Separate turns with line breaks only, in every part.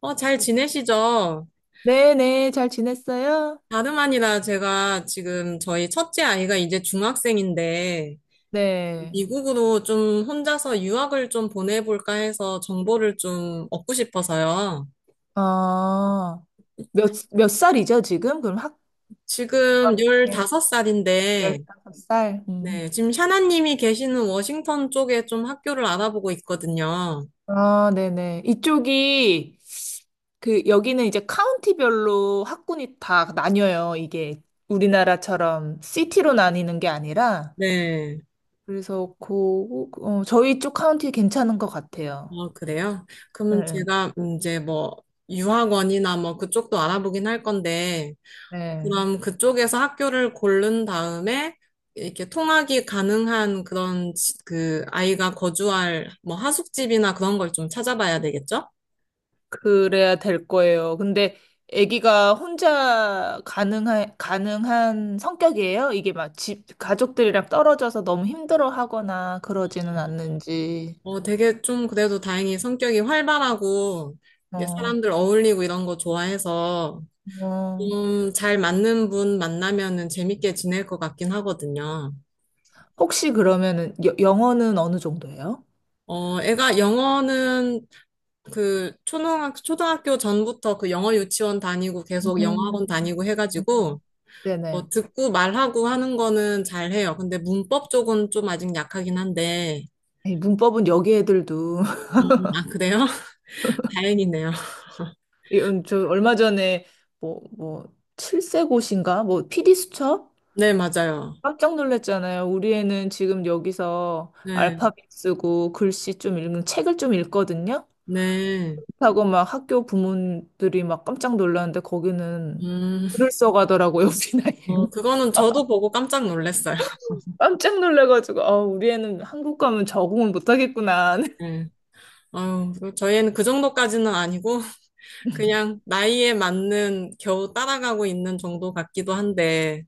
어, 잘 지내시죠?
네네, 잘 지냈어요?
다름 아니라 제가 지금 저희 첫째 아이가 이제 중학생인데,
네.
미국으로 좀 혼자서 유학을 좀 보내볼까 해서 정보를 좀 얻고 싶어서요.
어, 몇 살이죠, 지금? 그럼
지금
네,
15살인데,
15살.
네, 지금 샤나님이 계시는 워싱턴 쪽에 좀 학교를 알아보고 있거든요.
아, 네네. 이쪽이, 그, 여기는 이제 카운티별로 학군이 다 나뉘어요. 이게 우리나라처럼 시티로 나뉘는 게 아니라.
네,
그래서, 그, 어, 저희 쪽 카운티 괜찮은 것 같아요.
어, 그래요? 그러면
네.
제가 이제 뭐, 유학원이나 뭐 그쪽도 알아보긴 할 건데,
네.
그럼 그쪽에서 학교를 고른 다음에 이렇게 통학이 가능한 그런 그 아이가 거주할 뭐 하숙집이나 그런 걸 좀 찾아봐야 되겠죠?
그래야 될 거예요. 근데 아기가 혼자 가능한 성격이에요? 이게 막 집, 가족들이랑 떨어져서 너무 힘들어 하거나 그러지는 않는지.
어, 되게 좀 그래도 다행히 성격이 활발하고 이게
어,
사람들 어울리고 이런 거 좋아해서
어.
좀 잘 맞는 분 만나면은 재밌게 지낼 것 같긴 하거든요.
혹시 그러면은 영어는 어느 정도예요?
어, 애가 영어는 그 초등학교 전부터 그 영어 유치원 다니고 계속 영어 학원 다니고
음.
해가지고
네네.
어, 듣고 말하고 하는 거는 잘해요. 근데 문법 쪽은 좀 아직 약하긴 한데.
이 문법은 여기 애들도
음, 아, 그래요? 다행이네요.
이건 저 얼마 전에 뭐 칠세고시인가 뭐 PD 수첩
네, 맞아요.
깜짝 놀랐잖아요. 우리 애는 지금 여기서
네,
알파벳 쓰고 글씨 좀 읽는 책을 좀 읽거든요.
네.
하고 막 학교 부모들이 막 깜짝 놀랐는데 거기는
음,
글을 써가더라고요, 우리
어,
나이에는.
그거는 저도 보고 깜짝 놀랐어요.
깜짝 놀라가지고 아, 우리 애는 한국 가면 적응을 못하겠구나.
네. 아유, 그 저희는 그 정도까지는 아니고, 그냥 나이에 맞는 겨우 따라가고 있는 정도 같기도 한데,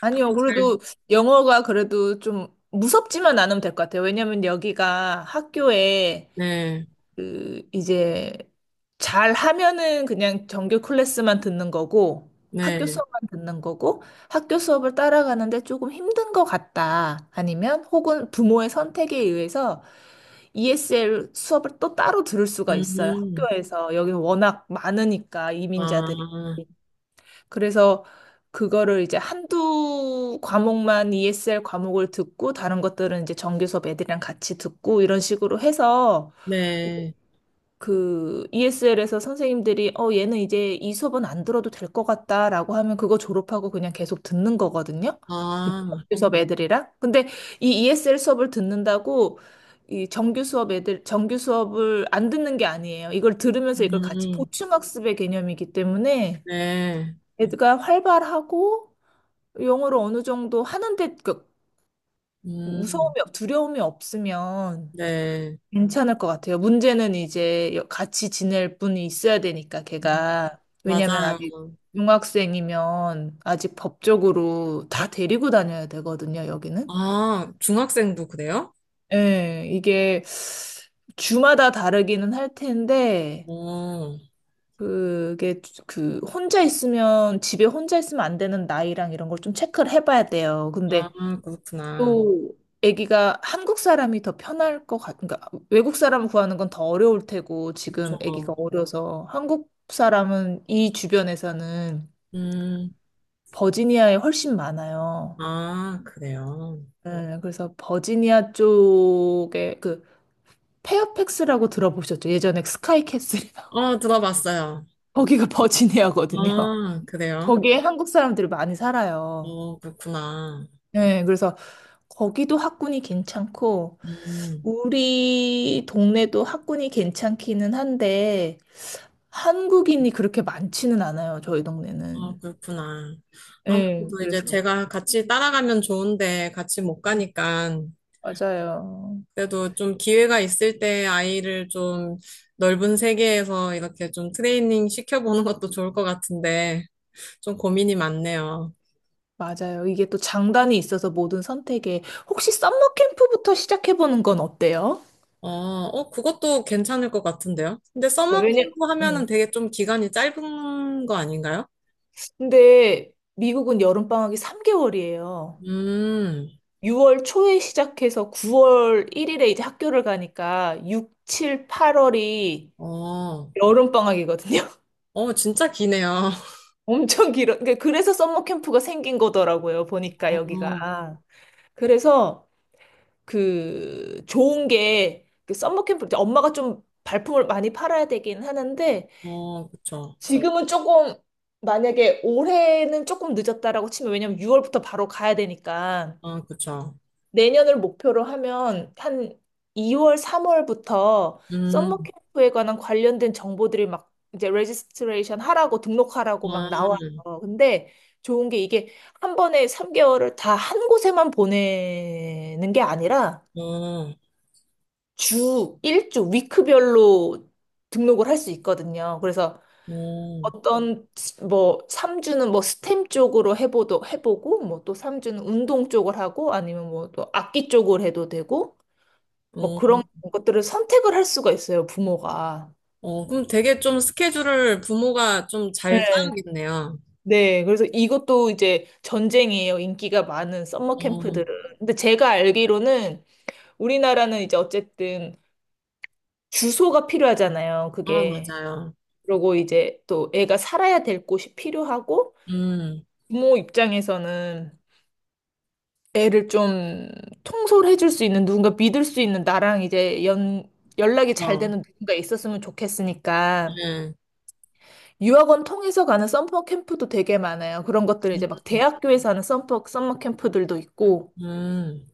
아니요,
갖고 잘,
그래도 영어가 그래도 좀 무섭지만 않으면 될 것 같아요. 왜냐면 여기가 학교에
네,
그 이제 잘 하면은 그냥 정규 클래스만 듣는 거고 학교
네.
수업만 듣는 거고 학교 수업을 따라가는데 조금 힘든 것 같다. 아니면 혹은 부모의 선택에 의해서 ESL 수업을 또 따로 들을 수가 있어요.
음,
학교에서. 여기는 워낙 많으니까 이민자들이.
아,
그래서 그거를 이제 한두 과목만 ESL 과목을 듣고 다른 것들은 이제 정규 수업 애들이랑 같이 듣고 이런 식으로 해서
네.
그 ESL에서 선생님들이 어 얘는 이제 이 수업은 안 들어도 될 것 같다라고 하면 그거 졸업하고 그냥 계속 듣는 거거든요. 그
아,
정규 수업 애들이랑. 근데 이 ESL 수업을 듣는다고 이 정규 수업 애들 정규 수업을 안 듣는 게 아니에요. 이걸 들으면서 이걸 같이
음,
보충 학습의 개념이기 때문에
네.
애가 활발하고 영어를 어느 정도 하는데 그
음,
두려움이 없으면
네.
괜찮을 것 같아요. 문제는 이제 같이 지낼 분이 있어야 되니까,
음,
걔가. 왜냐면 아직
맞아요.
중학생이면 아직 법적으로 다 데리고 다녀야 되거든요, 여기는.
아, 중학생도 그래요?
예, 이게 주마다 다르기는 할 텐데,
어,
그게 그 혼자 있으면 집에 혼자 있으면 안 되는 나이랑 이런 걸 좀 체크를 해봐야 돼요.
아,
근데
그렇구나.
또 아기가 한국 사람이 더 편할 것 같, 그러니까 외국 사람 구하는 건 더 어려울 테고 지금 아기가
저,
어려서 한국 사람은 이 주변에서는
음,
버지니아에 훨씬 많아요.
아, 그래요.
네, 그래서 버지니아 쪽에 그 페어팩스라고 들어보셨죠? 예전에 스카이캐슬이라고
어, 들어봤어요.
거기가 버지니아거든요.
아, 그래요?
거기에 한국 사람들이 많이 살아요.
어, 그렇구나.
네, 그래서 거기도 학군이 괜찮고,
음,
우리 동네도 학군이 괜찮기는 한데, 한국인이 그렇게 많지는 않아요, 저희
아,
동네는.
그렇구나.
예,
아무래도 이제
그래서.
제가 같이 따라가면 좋은데 같이 못 가니까
맞아요.
그래도 좀 기회가 있을 때 아이를 좀 넓은 세계에서 이렇게 좀 트레이닝 시켜보는 것도 좋을 것 같은데 좀 고민이 많네요.
맞아요. 이게 또 장단이 있어서 모든 선택에, 혹시 썸머 캠프부터 시작해보는 건 어때요?
어, 어, 그것도 괜찮을 것 같은데요. 근데 서머
왜냐,
캠프 하면은
음.
되게 좀 기간이 짧은 거 아닌가요?
근데 미국은 여름방학이 3개월이에요.
음,
6월 초에 시작해서 9월 1일에 이제 학교를 가니까 6, 7, 8월이
어,
여름방학이거든요.
어, 진짜 기네요.
엄청 길어. 그러니까 그래서 썸머 캠프가 생긴 거더라고요. 보니까 여기가. 그래서 그 좋은 게그 썸머 캠프 이제 엄마가 좀 발품을 많이 팔아야 되긴 하는데
어, 어, 그쵸.
지금은 조금 만약에 올해는 조금 늦었다라고 치면 왜냐면 6월부터 바로 가야 되니까
아, 그쵸.
내년을 목표로 하면 한 2월, 3월부터 썸머
음,
캠프에 관한 관련된 정보들이 막 이제 레지스트레이션 하라고 등록하라고 막 나와요.
아,
근데 좋은 게 이게 한 번에 3개월을 다 한 곳에만 보내는 게 아니라
어,
주 1주 위크별로 등록을 할 수 있거든요. 그래서
어,
어떤 뭐 3주는 뭐 스템 쪽으로 해보도 해보고 뭐 또 3주는 운동 쪽을 하고 아니면 뭐 또 악기 쪽으로 해도 되고 뭐
어.
그런 것들을 선택을 할 수가 있어요, 부모가.
어, 그럼 되게 좀 스케줄을 부모가 좀 잘
네.
짜야겠네요.
네, 그래서 이것도 이제 전쟁이에요. 인기가 많은 썸머
어,
캠프들은. 근데 제가 알기로는 우리나라는 이제 어쨌든 주소가 필요하잖아요.
아,
그게.
맞아요.
그리고 이제 또 애가 살아야 될 곳이 필요하고
음,
부모 입장에서는 애를 좀 통솔해 줄 수 있는 누군가 믿을 수 있는 나랑 이제 연 연락이 잘
어,
되는 누군가 있었으면 좋겠으니까
네.
유학원 통해서 가는 썸머 캠프도 되게 많아요. 그런 것들 이제 막 대학교에서 하는 썸머 캠프들도 있고.
음.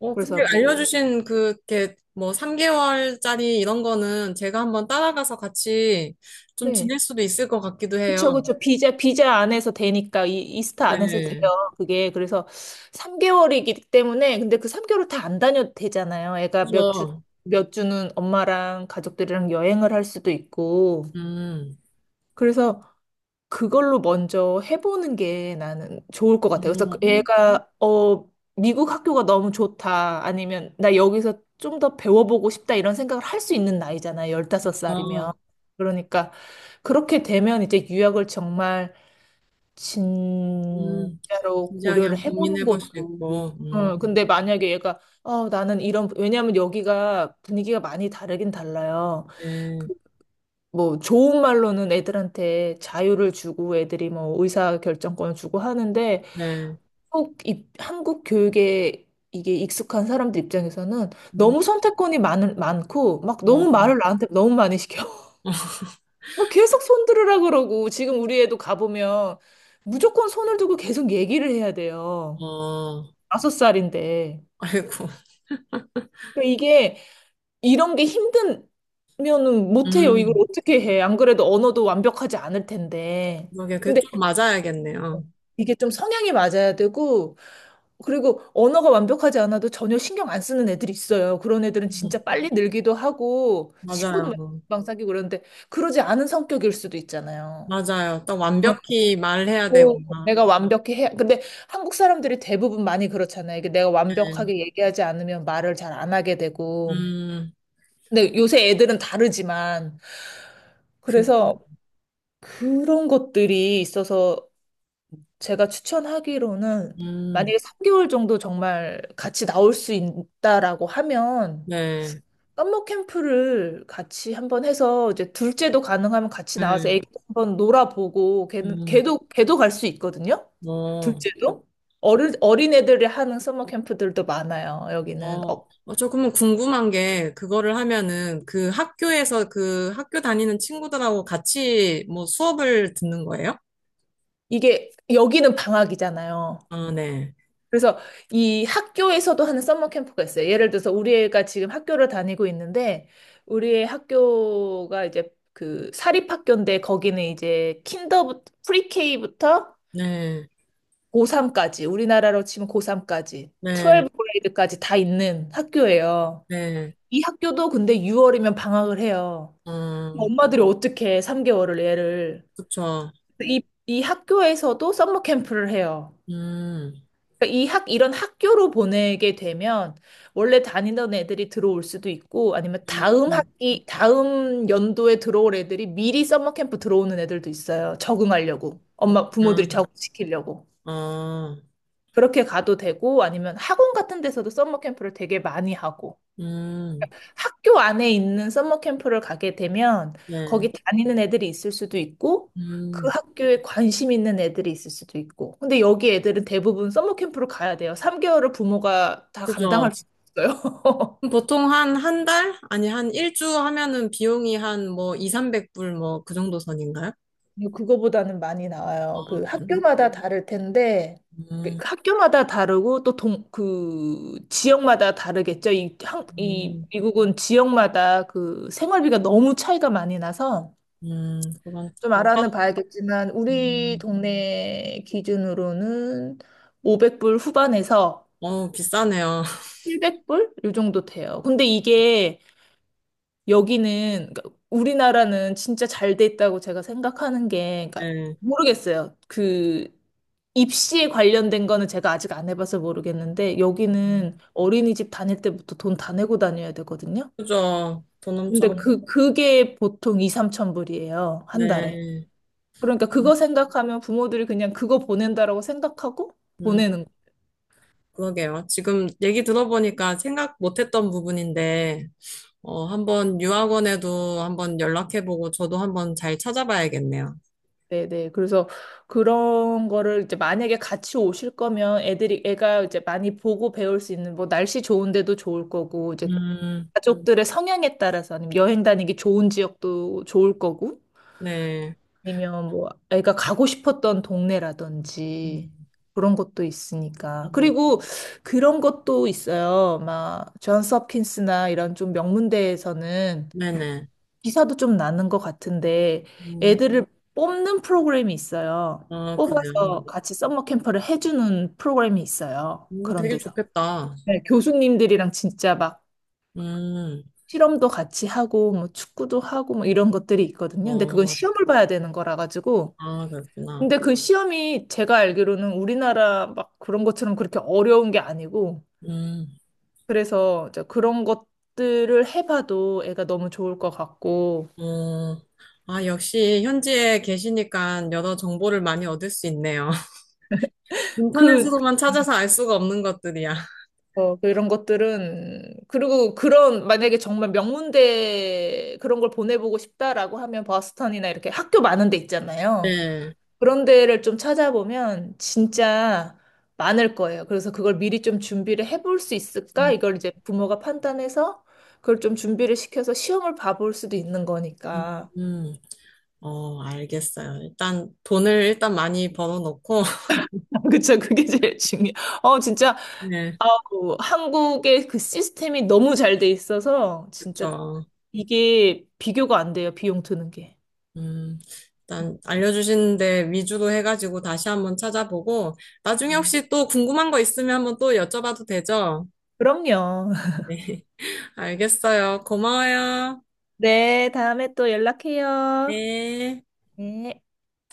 어,
그래서
근데
뭐,
알려주신 그, 이렇게, 뭐, 3개월짜리 이런 거는 제가 한번 따라가서 같이 좀
네.
지낼 수도 있을 것 같기도
그쵸,
해요.
그쵸. 비자 안에서 되니까, 이스타 안에서 돼요.
네.
그게. 그래서 3개월이기 때문에, 근데 그 3개월을 다 안 다녀도 되잖아요. 애가 몇 주,
그래서,
몇 주는 엄마랑 가족들이랑 여행을 할 수도 있고.
음,
그래서 그걸로 먼저 해보는 게 나는 좋을 것 같아요. 그래서 그
어,
얘가, 어, 미국 학교가 너무 좋다. 아니면 나 여기서 좀 더 배워보고 싶다. 이런 생각을 할 수 있는 나이잖아요. 열다섯
어,
살이면
어,
그러니까 그렇게 되면 이제 유학을 정말
음,
진짜로
진지하게
고려를
한번
해보는
고민해 볼 수
것도.
있고,
어, 근데 만약에 얘가, 어, 나는 이런, 왜냐하면 여기가 분위기가 많이 다르긴 달라요.
네,
그 뭐 좋은 말로는 애들한테 자유를 주고 애들이 뭐 의사 결정권을 주고 하는데
네,
꼭 이, 한국 교육에 이게 익숙한 사람들 입장에서는
음,
너무 선택권이 많고 막 너무
어,
말을 나한테 너무 많이 시켜. 뭐 계속 손 들으라 그러고 지금 우리 애도 가보면 무조건 손을 두고 계속 얘기를 해야 돼요.
어,
다섯 살인데.
아이고.
그러니까 이게 이런 게 힘들면은 못해요. 이걸
음,
어떻게 해. 안 그래도 언어도 완벽하지 않을 텐데.
그게
근데
그좀
어.
맞아야겠네요.
이게 좀 성향이 맞아야 되고, 그리고 언어가 완벽하지 않아도 전혀 신경 안 쓰는 애들이 있어요. 그런 애들은
음,
진짜 빨리 늘기도 하고, 친구도 막
맞아요.
금방 사귀고 그러는데, 그러지 않은 성격일 수도 있잖아요.
맞아요. 딱
응.
완벽히 말해야 되고,
꼭
나
내가 완벽히 해야, 근데 한국 사람들이 대부분 많이 그렇잖아요. 이게 내가
네.
완벽하게 얘기하지 않으면 말을 잘 안 하게 되고.
음,
근데 요새 애들은 다르지만,
그,
그래서 그런 것들이 있어서 제가 추천하기로는
음,
만약에 3개월 정도 정말 같이 나올 수 있다라고 하면
네,
썸머 캠프를 같이 한번 해서 이제 둘째도 가능하면 같이
네,
나와서 애기 한번 놀아보고 걔는
음,
걔도 갈 수 있거든요.
어,
둘째도 어른 어린애들이 하는 썸머 캠프들도 많아요. 여기는
어.
어
어, 저 그러면 궁금한 게, 그거를 하면은 그 학교에서 그 학교 다니는 친구들하고 같이 뭐 수업을 듣는 거예요?
이게 여기는 방학이잖아요.
아, 네,
그래서 이 학교에서도 하는 썸머 캠프가 있어요. 예를 들어서 우리 애가 지금 학교를 다니고 있는데 우리 의 학교가 이제 그 사립학교인데 거기는 이제 킨더 부터 프리케이부터
네,
고3까지 우리나라로 치면 고3까지
네,
1브 그레이드까지 다 있는 학교예요.
네,
이 학교도 근데 6월이면 방학을 해요.
어,
엄마들이 어떻게 3개월을 애를
그쵸.
이 학교에서도 썸머 캠프를 해요.
음,
그러니까 이런 학교로 보내게 되면 원래 다니던 애들이 들어올 수도 있고 아니면 다음
음,
학기, 다음 연도에 들어올 애들이 미리 서머캠프 들어오는 애들도 있어요. 적응하려고. 엄마, 부모들이
음,
적응시키려고.
어.
그렇게 가도 되고 아니면 학원 같은 데서도 서머캠프를 되게 많이 하고.
음,
학교 안에 있는 서머 캠프를 가게 되면
네.
거기 다니는 애들이 있을 수도 있고 그
음,
학교에 관심 있는 애들이 있을 수도 있고. 근데 여기 애들은 대부분 서머 캠프를 가야 돼요. 3개월을 부모가 다
그죠.
감당할 수 있어요.
그럼 보통 한, 한 달? 아니, 한 일주 하면은 비용이 한 뭐, 2, 300불 뭐, 그 정도 선인가요?
근데 그거보다는 많이 나와요.
아,
그
그래요?
학교마다 다를 텐데 그
음,
학교마다 다르고 또 그 지역마다 다르겠죠. 이
음,
미국은 지역마다 그 생활비가 너무 차이가 많이 나서
그런,
좀
아,
알아는 봐야겠지만 우리
음,
동네 기준으로는 500불 후반에서
어, 비싸네요.
700불 요 정도 돼요. 근데 이게 여기는 그러니까 우리나라는 진짜 잘 돼 있다고 제가 생각하는 게 그러니까
네.
모르겠어요. 그 입시에 관련된 거는 제가 아직 안 해봐서 모르겠는데 여기는 어린이집 다닐 때부터 돈 다 내고 다녀야 되거든요.
그죠. 돈
근데
엄청,
그게 보통 2, 3천 불이에요. 한 달에.
네.
그러니까 그거
음,
생각하면 부모들이 그냥 그거 보낸다라고 생각하고
음,
보내는 거.
그러게요. 지금 얘기 들어보니까 생각 못했던 부분인데, 어, 한번 유학원에도 한번 연락해보고, 저도 한번 잘 찾아봐야겠네요.
네네. 그래서 그런 거를 이제 만약에 같이 오실 거면 애들이 애가 이제 많이 보고 배울 수 있는 뭐 날씨 좋은 데도 좋을 거고 이제
음.
가족들의 성향에 따라서 아니면 여행 다니기 좋은 지역도 좋을 거고
네.
아니면 뭐 애가 가고 싶었던
음.
동네라든지 그런 것도 있으니까.
음,
그리고 그런 것도 있어요. 막 존스 홉킨스나 이런 좀 명문대에서는
네네.
기사도 좀 나는 것 같은데
음,
애들을 뽑는 프로그램이 있어요.
아, 그래요.
뽑아서 같이 썸머 캠프를 해주는 프로그램이 있어요.
뭐
그런
되게
데서.
좋겠다.
네, 교수님들이랑 진짜 막
음,
실험도 같이 하고 뭐 축구도 하고 뭐 이런 것들이 있거든요. 근데 그건
어,
시험을 봐야 되는 거라 가지고.
아, 그렇구나.
근데 그 시험이 제가 알기로는 우리나라 막 그런 것처럼 그렇게 어려운 게 아니고
음,
그래서 이제 그런 것들을 해봐도 애가 너무 좋을 것 같고
어, 아, 역시 현지에 계시니까 여러 정보를 많이 얻을 수 있네요.
그
인터넷으로만 찾아서 알 수가 없는 것들이야.
어, 그런 것들은, 그리고 그런, 만약에 정말 명문대 그런 걸 보내보고 싶다라고 하면 버스턴이나 이렇게 학교 많은 데 있잖아요.
네.
그런 데를 좀 찾아보면 진짜 많을 거예요. 그래서 그걸 미리 좀 준비를 해볼 수 있을까?
음,
이걸 이제 부모가 판단해서 그걸 좀 준비를 시켜서 시험을 봐볼 수도 있는
음,
거니까.
음. 어, 알겠어요. 일단 돈을 일단 많이 벌어놓고,
그쵸, 그게 제일 중요. 어, 진짜,
네,
아우, 한국의 그 시스템이 너무 잘 돼 있어서 진짜
그쵸.
이게 비교가 안 돼요, 비용 드는 게.
음, 일단 알려주신 데 위주로 해가지고 다시 한번 찾아보고 나중에
음.
혹시 또 궁금한 거 있으면 한번 또 여쭤봐도 되죠?
그럼요.
알겠어요. 고마워요.
네, 다음에 또 연락해요.
네.
네.